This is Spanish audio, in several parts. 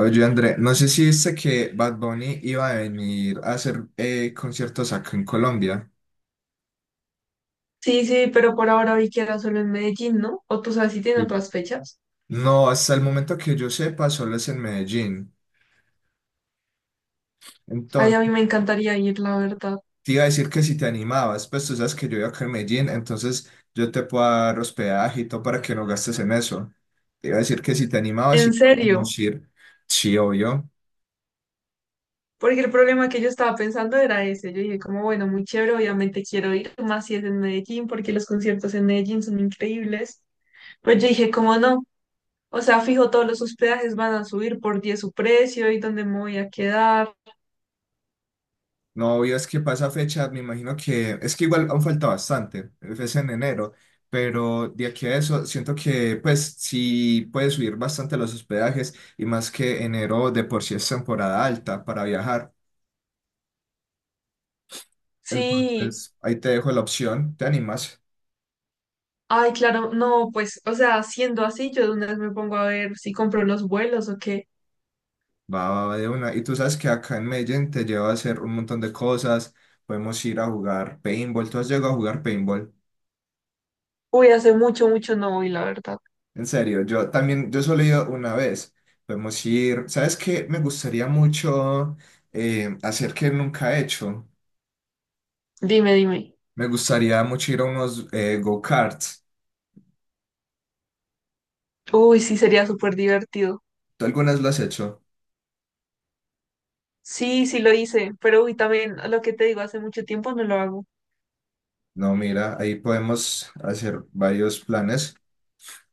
Oye, André, no sé si viste que Bad Bunny iba a venir a hacer conciertos acá en Colombia. Sí, sí, pero por ahora vi que era solo en Medellín, ¿no? O tú sabes si tiene Sí. otras fechas. No, hasta el momento que yo sepa, solo es en Medellín. Ay, a Entonces, mí me encantaría ir, la verdad. te iba a decir que si te animabas, pues tú sabes que yo vivo acá en Medellín, entonces yo te puedo dar hospedaje y todo para que no gastes en eso. Te iba a decir que si te animabas, y En serio, podemos ir. Sí, obvio. porque el problema que yo estaba pensando era ese. Yo dije, como bueno, muy chévere, obviamente quiero ir, más si es en Medellín, porque los conciertos en Medellín son increíbles. Pues yo dije, como no? O sea, fijo, todos los hospedajes van a subir por 10 su precio y dónde me voy a quedar. No, obvio, es que pasa fecha, me imagino que es que igual aún falta bastante, es en enero, pero de aquí a eso siento que pues sí puede subir bastante los hospedajes y más que enero de por sí es temporada alta para viajar. Sí, Entonces ahí te dejo la opción, te animas, ay, claro, no, pues, o sea, siendo así, yo de una vez me pongo a ver si compro los vuelos o qué. va, va, va de una. Y tú sabes que acá en Medellín te lleva a hacer un montón de cosas, podemos ir a jugar paintball. ¿Tú has llegado a jugar paintball? Uy, hace mucho, mucho no voy, la verdad. En serio, yo también, yo solo he ido una vez. Podemos ir, ¿sabes qué? Me gustaría mucho hacer que nunca he hecho. Dime, dime. Me gustaría mucho ir a unos go-karts. Uy, sí, sería súper divertido. ¿Tú algunas lo has hecho? Sí, sí lo hice, pero uy, también lo que te digo, hace mucho tiempo no lo hago. No, mira, ahí podemos hacer varios planes.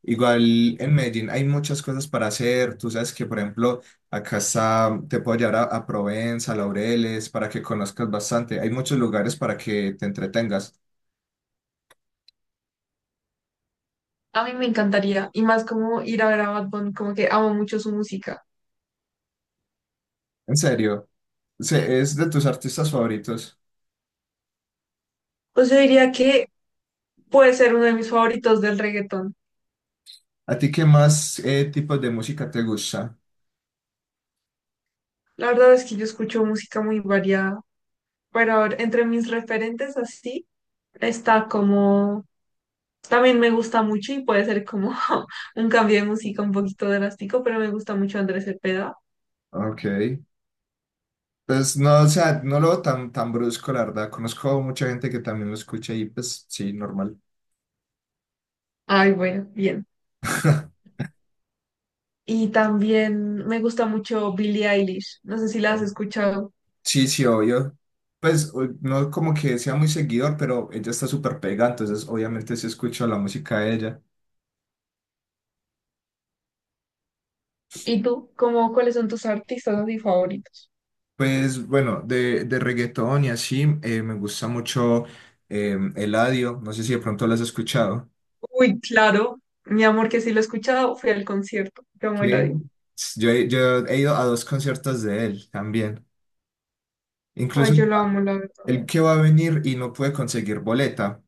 Igual en Medellín hay muchas cosas para hacer. Tú sabes que, por ejemplo, acá está, te puedo llevar a, Provenza, Laureles, para que conozcas bastante. Hay muchos lugares para que te entretengas. A mí me encantaría, y más como ir a ver a Bad Bunny, como que amo mucho su música. En serio, es de tus artistas favoritos. Pues yo diría que puede ser uno de mis favoritos del reggaetón. ¿A ti qué más tipos de música te gusta? La verdad es que yo escucho música muy variada, pero a ver, entre mis referentes así está como... También me gusta mucho y puede ser como un cambio de música un poquito drástico, pero me gusta mucho Andrés Cepeda. Ok. Pues no, o sea, no lo veo tan, tan brusco, la verdad. Conozco mucha gente que también lo escucha y pues sí, normal. Ay, bueno, bien. Y también me gusta mucho Billie Eilish. No sé si la has escuchado. Sí, sí, obvio. Pues no como que sea muy seguidor, pero ella está súper pega, entonces obviamente sí escucho la música de ella. ¿Y tú? ¿Cómo, cuáles son tus artistas así favoritos? Pues bueno, de reggaetón y así, me gusta mucho Eladio, no sé si de pronto lo has escuchado. Uy, claro. Mi amor, que sí lo he escuchado, fui al concierto. Yo me la Que di. Yo he ido a dos conciertos de él también. Incluso Ay, yo la amo, la verdad. el que va a venir y no puede conseguir boleta.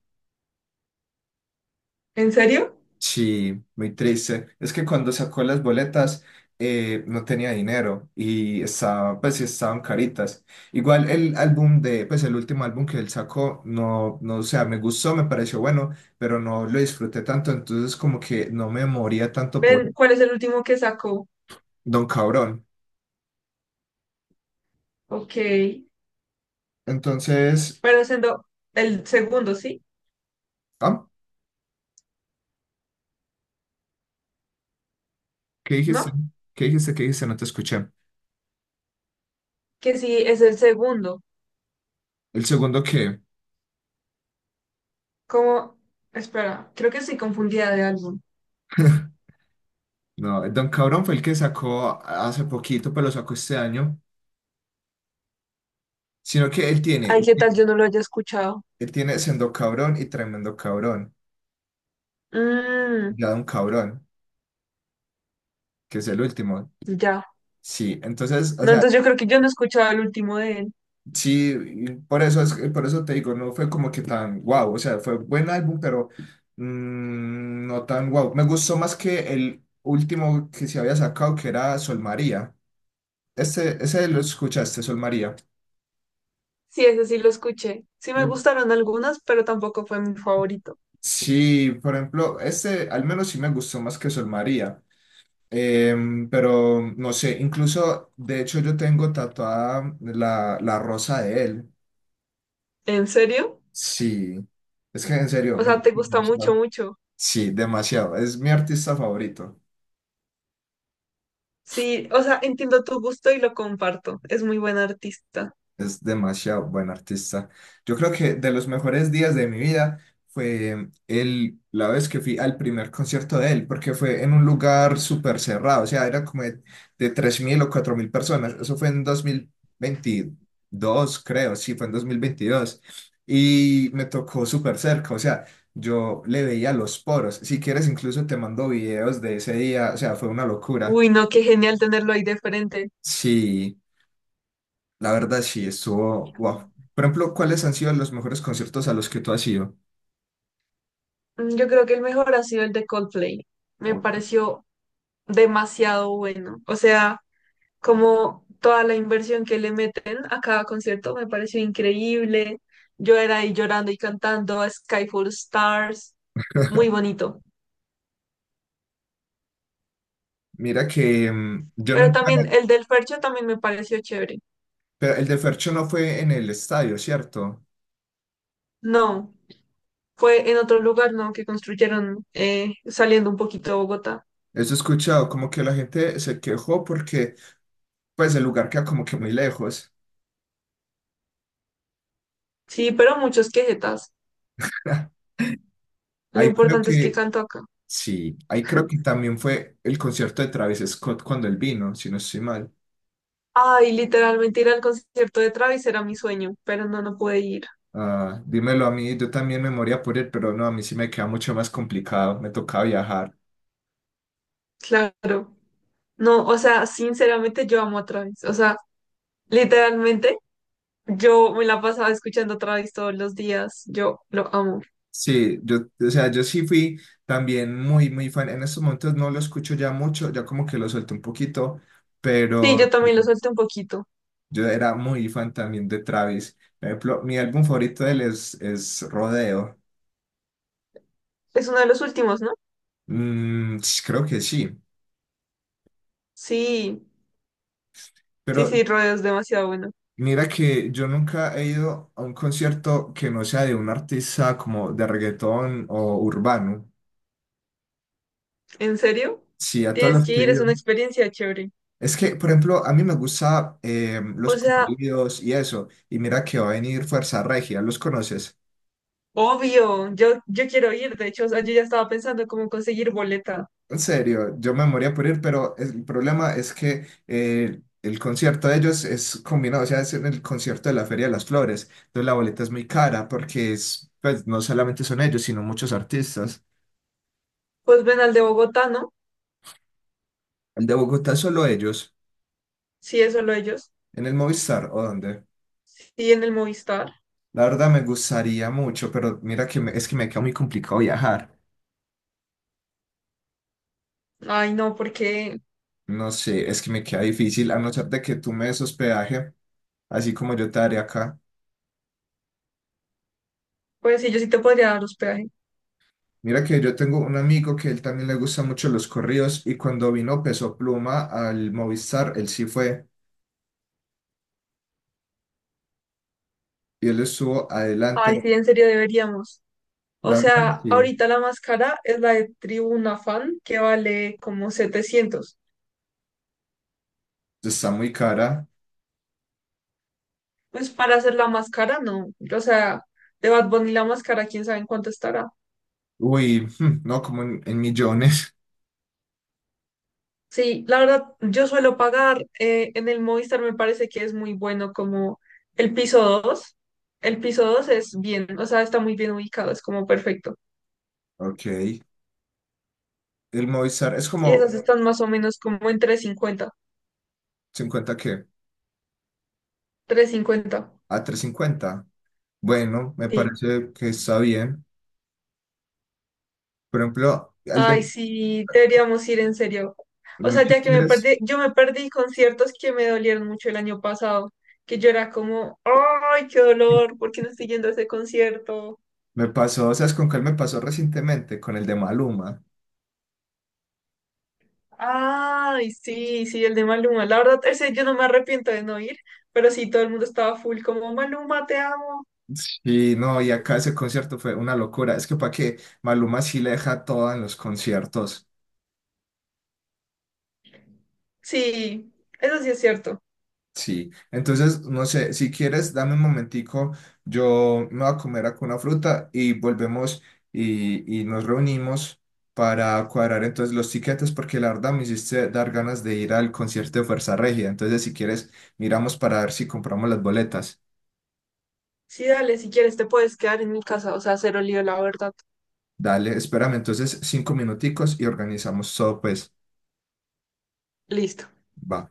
¿En serio? Sí, muy triste. Es que cuando sacó las boletas no tenía dinero y estaba, pues sí estaban caritas. Igual el álbum de, pues el último álbum que él sacó, no, no, o sea, me gustó, me pareció bueno, pero no lo disfruté tanto, entonces como que no me moría tanto por Ven, ¿cuál es el último que sacó? Don Cabrón. Ok. Entonces, Pero siendo el segundo, ¿sí? ah, ¿qué dijiste? ¿No? ¿Qué dijiste? ¿Qué dijiste? No te escuché. Que sí, es el segundo. El segundo que... ¿Cómo? Espera, creo que sí confundida de álbum. No, Don Cabrón fue el que sacó hace poquito, pero lo sacó este año. Sino que él tiene, Ay, ¿qué tal yo no lo haya escuchado? él tiene Sendo Cabrón y Tremendo Cabrón. Y Mmm, Ya Don Cabrón, que es el último. ya. Sí, entonces, o No, sea, entonces yo creo que yo no he escuchado el último de él. sí, y por eso, es, por eso te digo, no fue como que tan guau. O sea, fue buen álbum, pero no tan guau. Me gustó más que el último que se había sacado, que era Sol María. Este, ese lo escuchaste, Sol María. Sí, ese sí lo escuché. Sí me gustaron algunas, pero tampoco fue mi favorito. Sí, por ejemplo, este al menos sí me gustó más que Sol María. Pero no sé, incluso de hecho yo tengo tatuada la, rosa de él. ¿En serio? Sí, es que en serio, O me sea, gusta te gusta mucho, demasiado. mucho. Sí, demasiado, es mi artista favorito. Sí, o sea, entiendo tu gusto y lo comparto. Es muy buen artista. Es demasiado buen artista. Yo creo que de los mejores días de mi vida fue el, la vez que fui al primer concierto de él, porque fue en un lugar súper cerrado, o sea, era como de 3.000 o 4.000 personas. Eso fue en 2022, creo, sí, fue en 2022. Y me tocó súper cerca, o sea, yo le veía los poros. Si quieres, incluso te mando videos de ese día. O sea, fue una locura. Uy, no, qué genial tenerlo ahí de frente. Sí. La verdad sí, estuvo wow. Por ejemplo, ¿cuáles han sido los mejores conciertos a los que tú has ido? Mm, yo creo que el mejor ha sido el de Coldplay. Me O- pareció demasiado bueno. O sea, como toda la inversión que le meten a cada concierto me pareció increíble. Yo era ahí llorando y cantando a Skyfall Stars, muy bonito. Mira que yo Pero nunca, también el del Fercho también me pareció chévere. pero el de Fercho no fue en el estadio, ¿cierto? No, fue en otro lugar, ¿no? Que construyeron saliendo un poquito de Bogotá. Eso he escuchado, como que la gente se quejó porque pues el lugar queda como que muy lejos. Sí, pero muchos quejetas. Lo Ahí creo importante es que que, canto acá. sí, ahí creo que también fue el concierto de Travis Scott cuando él vino, si no estoy mal. Ay, literalmente ir al concierto de Travis era mi sueño, pero no, no pude ir. Ah, dímelo a mí, yo también me moría por él, pero no, a mí sí me queda mucho más complicado, me tocaba viajar. Claro. No, o sea, sinceramente yo amo a Travis. O sea, literalmente, yo me la pasaba escuchando Travis todos los días. Yo lo amo. Sí, yo, o sea, yo sí fui también muy, muy fan. En estos momentos no lo escucho ya mucho, ya como que lo suelto un poquito, Sí, pero yo también lo suelto un poquito. yo era muy fan también de Travis. Por ejemplo, mi álbum favorito de él es Rodeo. Es uno de los últimos, ¿no? Mm, sí, creo que sí, Sí, sí, pero sí, Rodeo es demasiado bueno. mira que yo nunca he ido a un concierto que no sea de un artista como de reggaetón o urbano. ¿En serio? Sí, a todos Tienes los que que he ir, es ido. una experiencia chévere. Es que, por ejemplo, a mí me gusta los O sea, corridos y eso. Y mira que va a venir Fuerza Regia, ¿los conoces? obvio, yo quiero ir. De hecho, o sea, yo ya estaba pensando cómo conseguir boleta. En serio, yo me moría por ir, pero el problema es que el concierto de ellos es combinado, o sea, es en el concierto de la Feria de las Flores. Entonces la boleta es muy cara porque es, pues, no solamente son ellos, sino muchos artistas. Pues ven al de Bogotá, ¿no? El de Bogotá es solo ellos, Sí, es solo ellos. en el Movistar o dónde. Sí, en el Movistar. La verdad me gustaría mucho, pero mira que es que me queda muy complicado viajar. Ay, no, porque, No sé, es que me queda difícil, a no ser de que tú me des hospedaje, así como yo te daré acá. pues sí, yo sí te podría dar hospedaje. Mira que yo tengo un amigo que él también le gustan mucho los corridos y cuando vino Peso Pluma al Movistar, él sí fue y él estuvo Ay, adelante. sí, en serio deberíamos. O La verdad, sea, sí, ahorita la más cara es la de Tribuna Fan, que vale como 700. está muy cara. Pues para hacer la más cara, no. O sea, de Bad Bunny la más cara, quién sabe en cuánto estará. Uy, hmm, no, como en, millones. Sí, la verdad, yo suelo pagar en el Movistar, me parece que es muy bueno como el piso 2. El piso 2 es bien, o sea, está muy bien ubicado, es como perfecto. Ok, el Movistar es Y como esas están más o menos como en 350. 50 que Cincuenta. Trescientos cincuenta, a 350. Bueno, me sí. parece que está bien. Por ejemplo, el Ay, de, sí, deberíamos ir en serio. O sea, si ya que me quieres. perdí, yo me perdí conciertos que me dolieron mucho el año pasado, que yo era como, ay, qué dolor, ¿por qué no estoy yendo a ese concierto? Me pasó, ¿sabes con cuál me pasó recientemente? Con el de Maluma. Ay, sí, sí, el de Maluma. La verdad, ese yo no me arrepiento de no ir, pero sí, todo el mundo estaba full como, Maluma, te amo. Sí, no, y acá ese concierto fue una locura. Es que para qué, Maluma sí le deja toda en los conciertos. Sí, eso sí es cierto. Sí, entonces, no sé, si quieres, dame un momentico, yo me voy a comer acá una fruta y volvemos y, nos reunimos para cuadrar entonces los tiquetes, porque la verdad me hiciste dar ganas de ir al concierto de Fuerza Regia. Entonces, si quieres, miramos para ver si compramos las boletas. Sí, dale, si quieres, te puedes quedar en mi casa, o sea, cero lío, la verdad. Dale, espérame entonces 5 minuticos y organizamos todo, pues, Listo. va.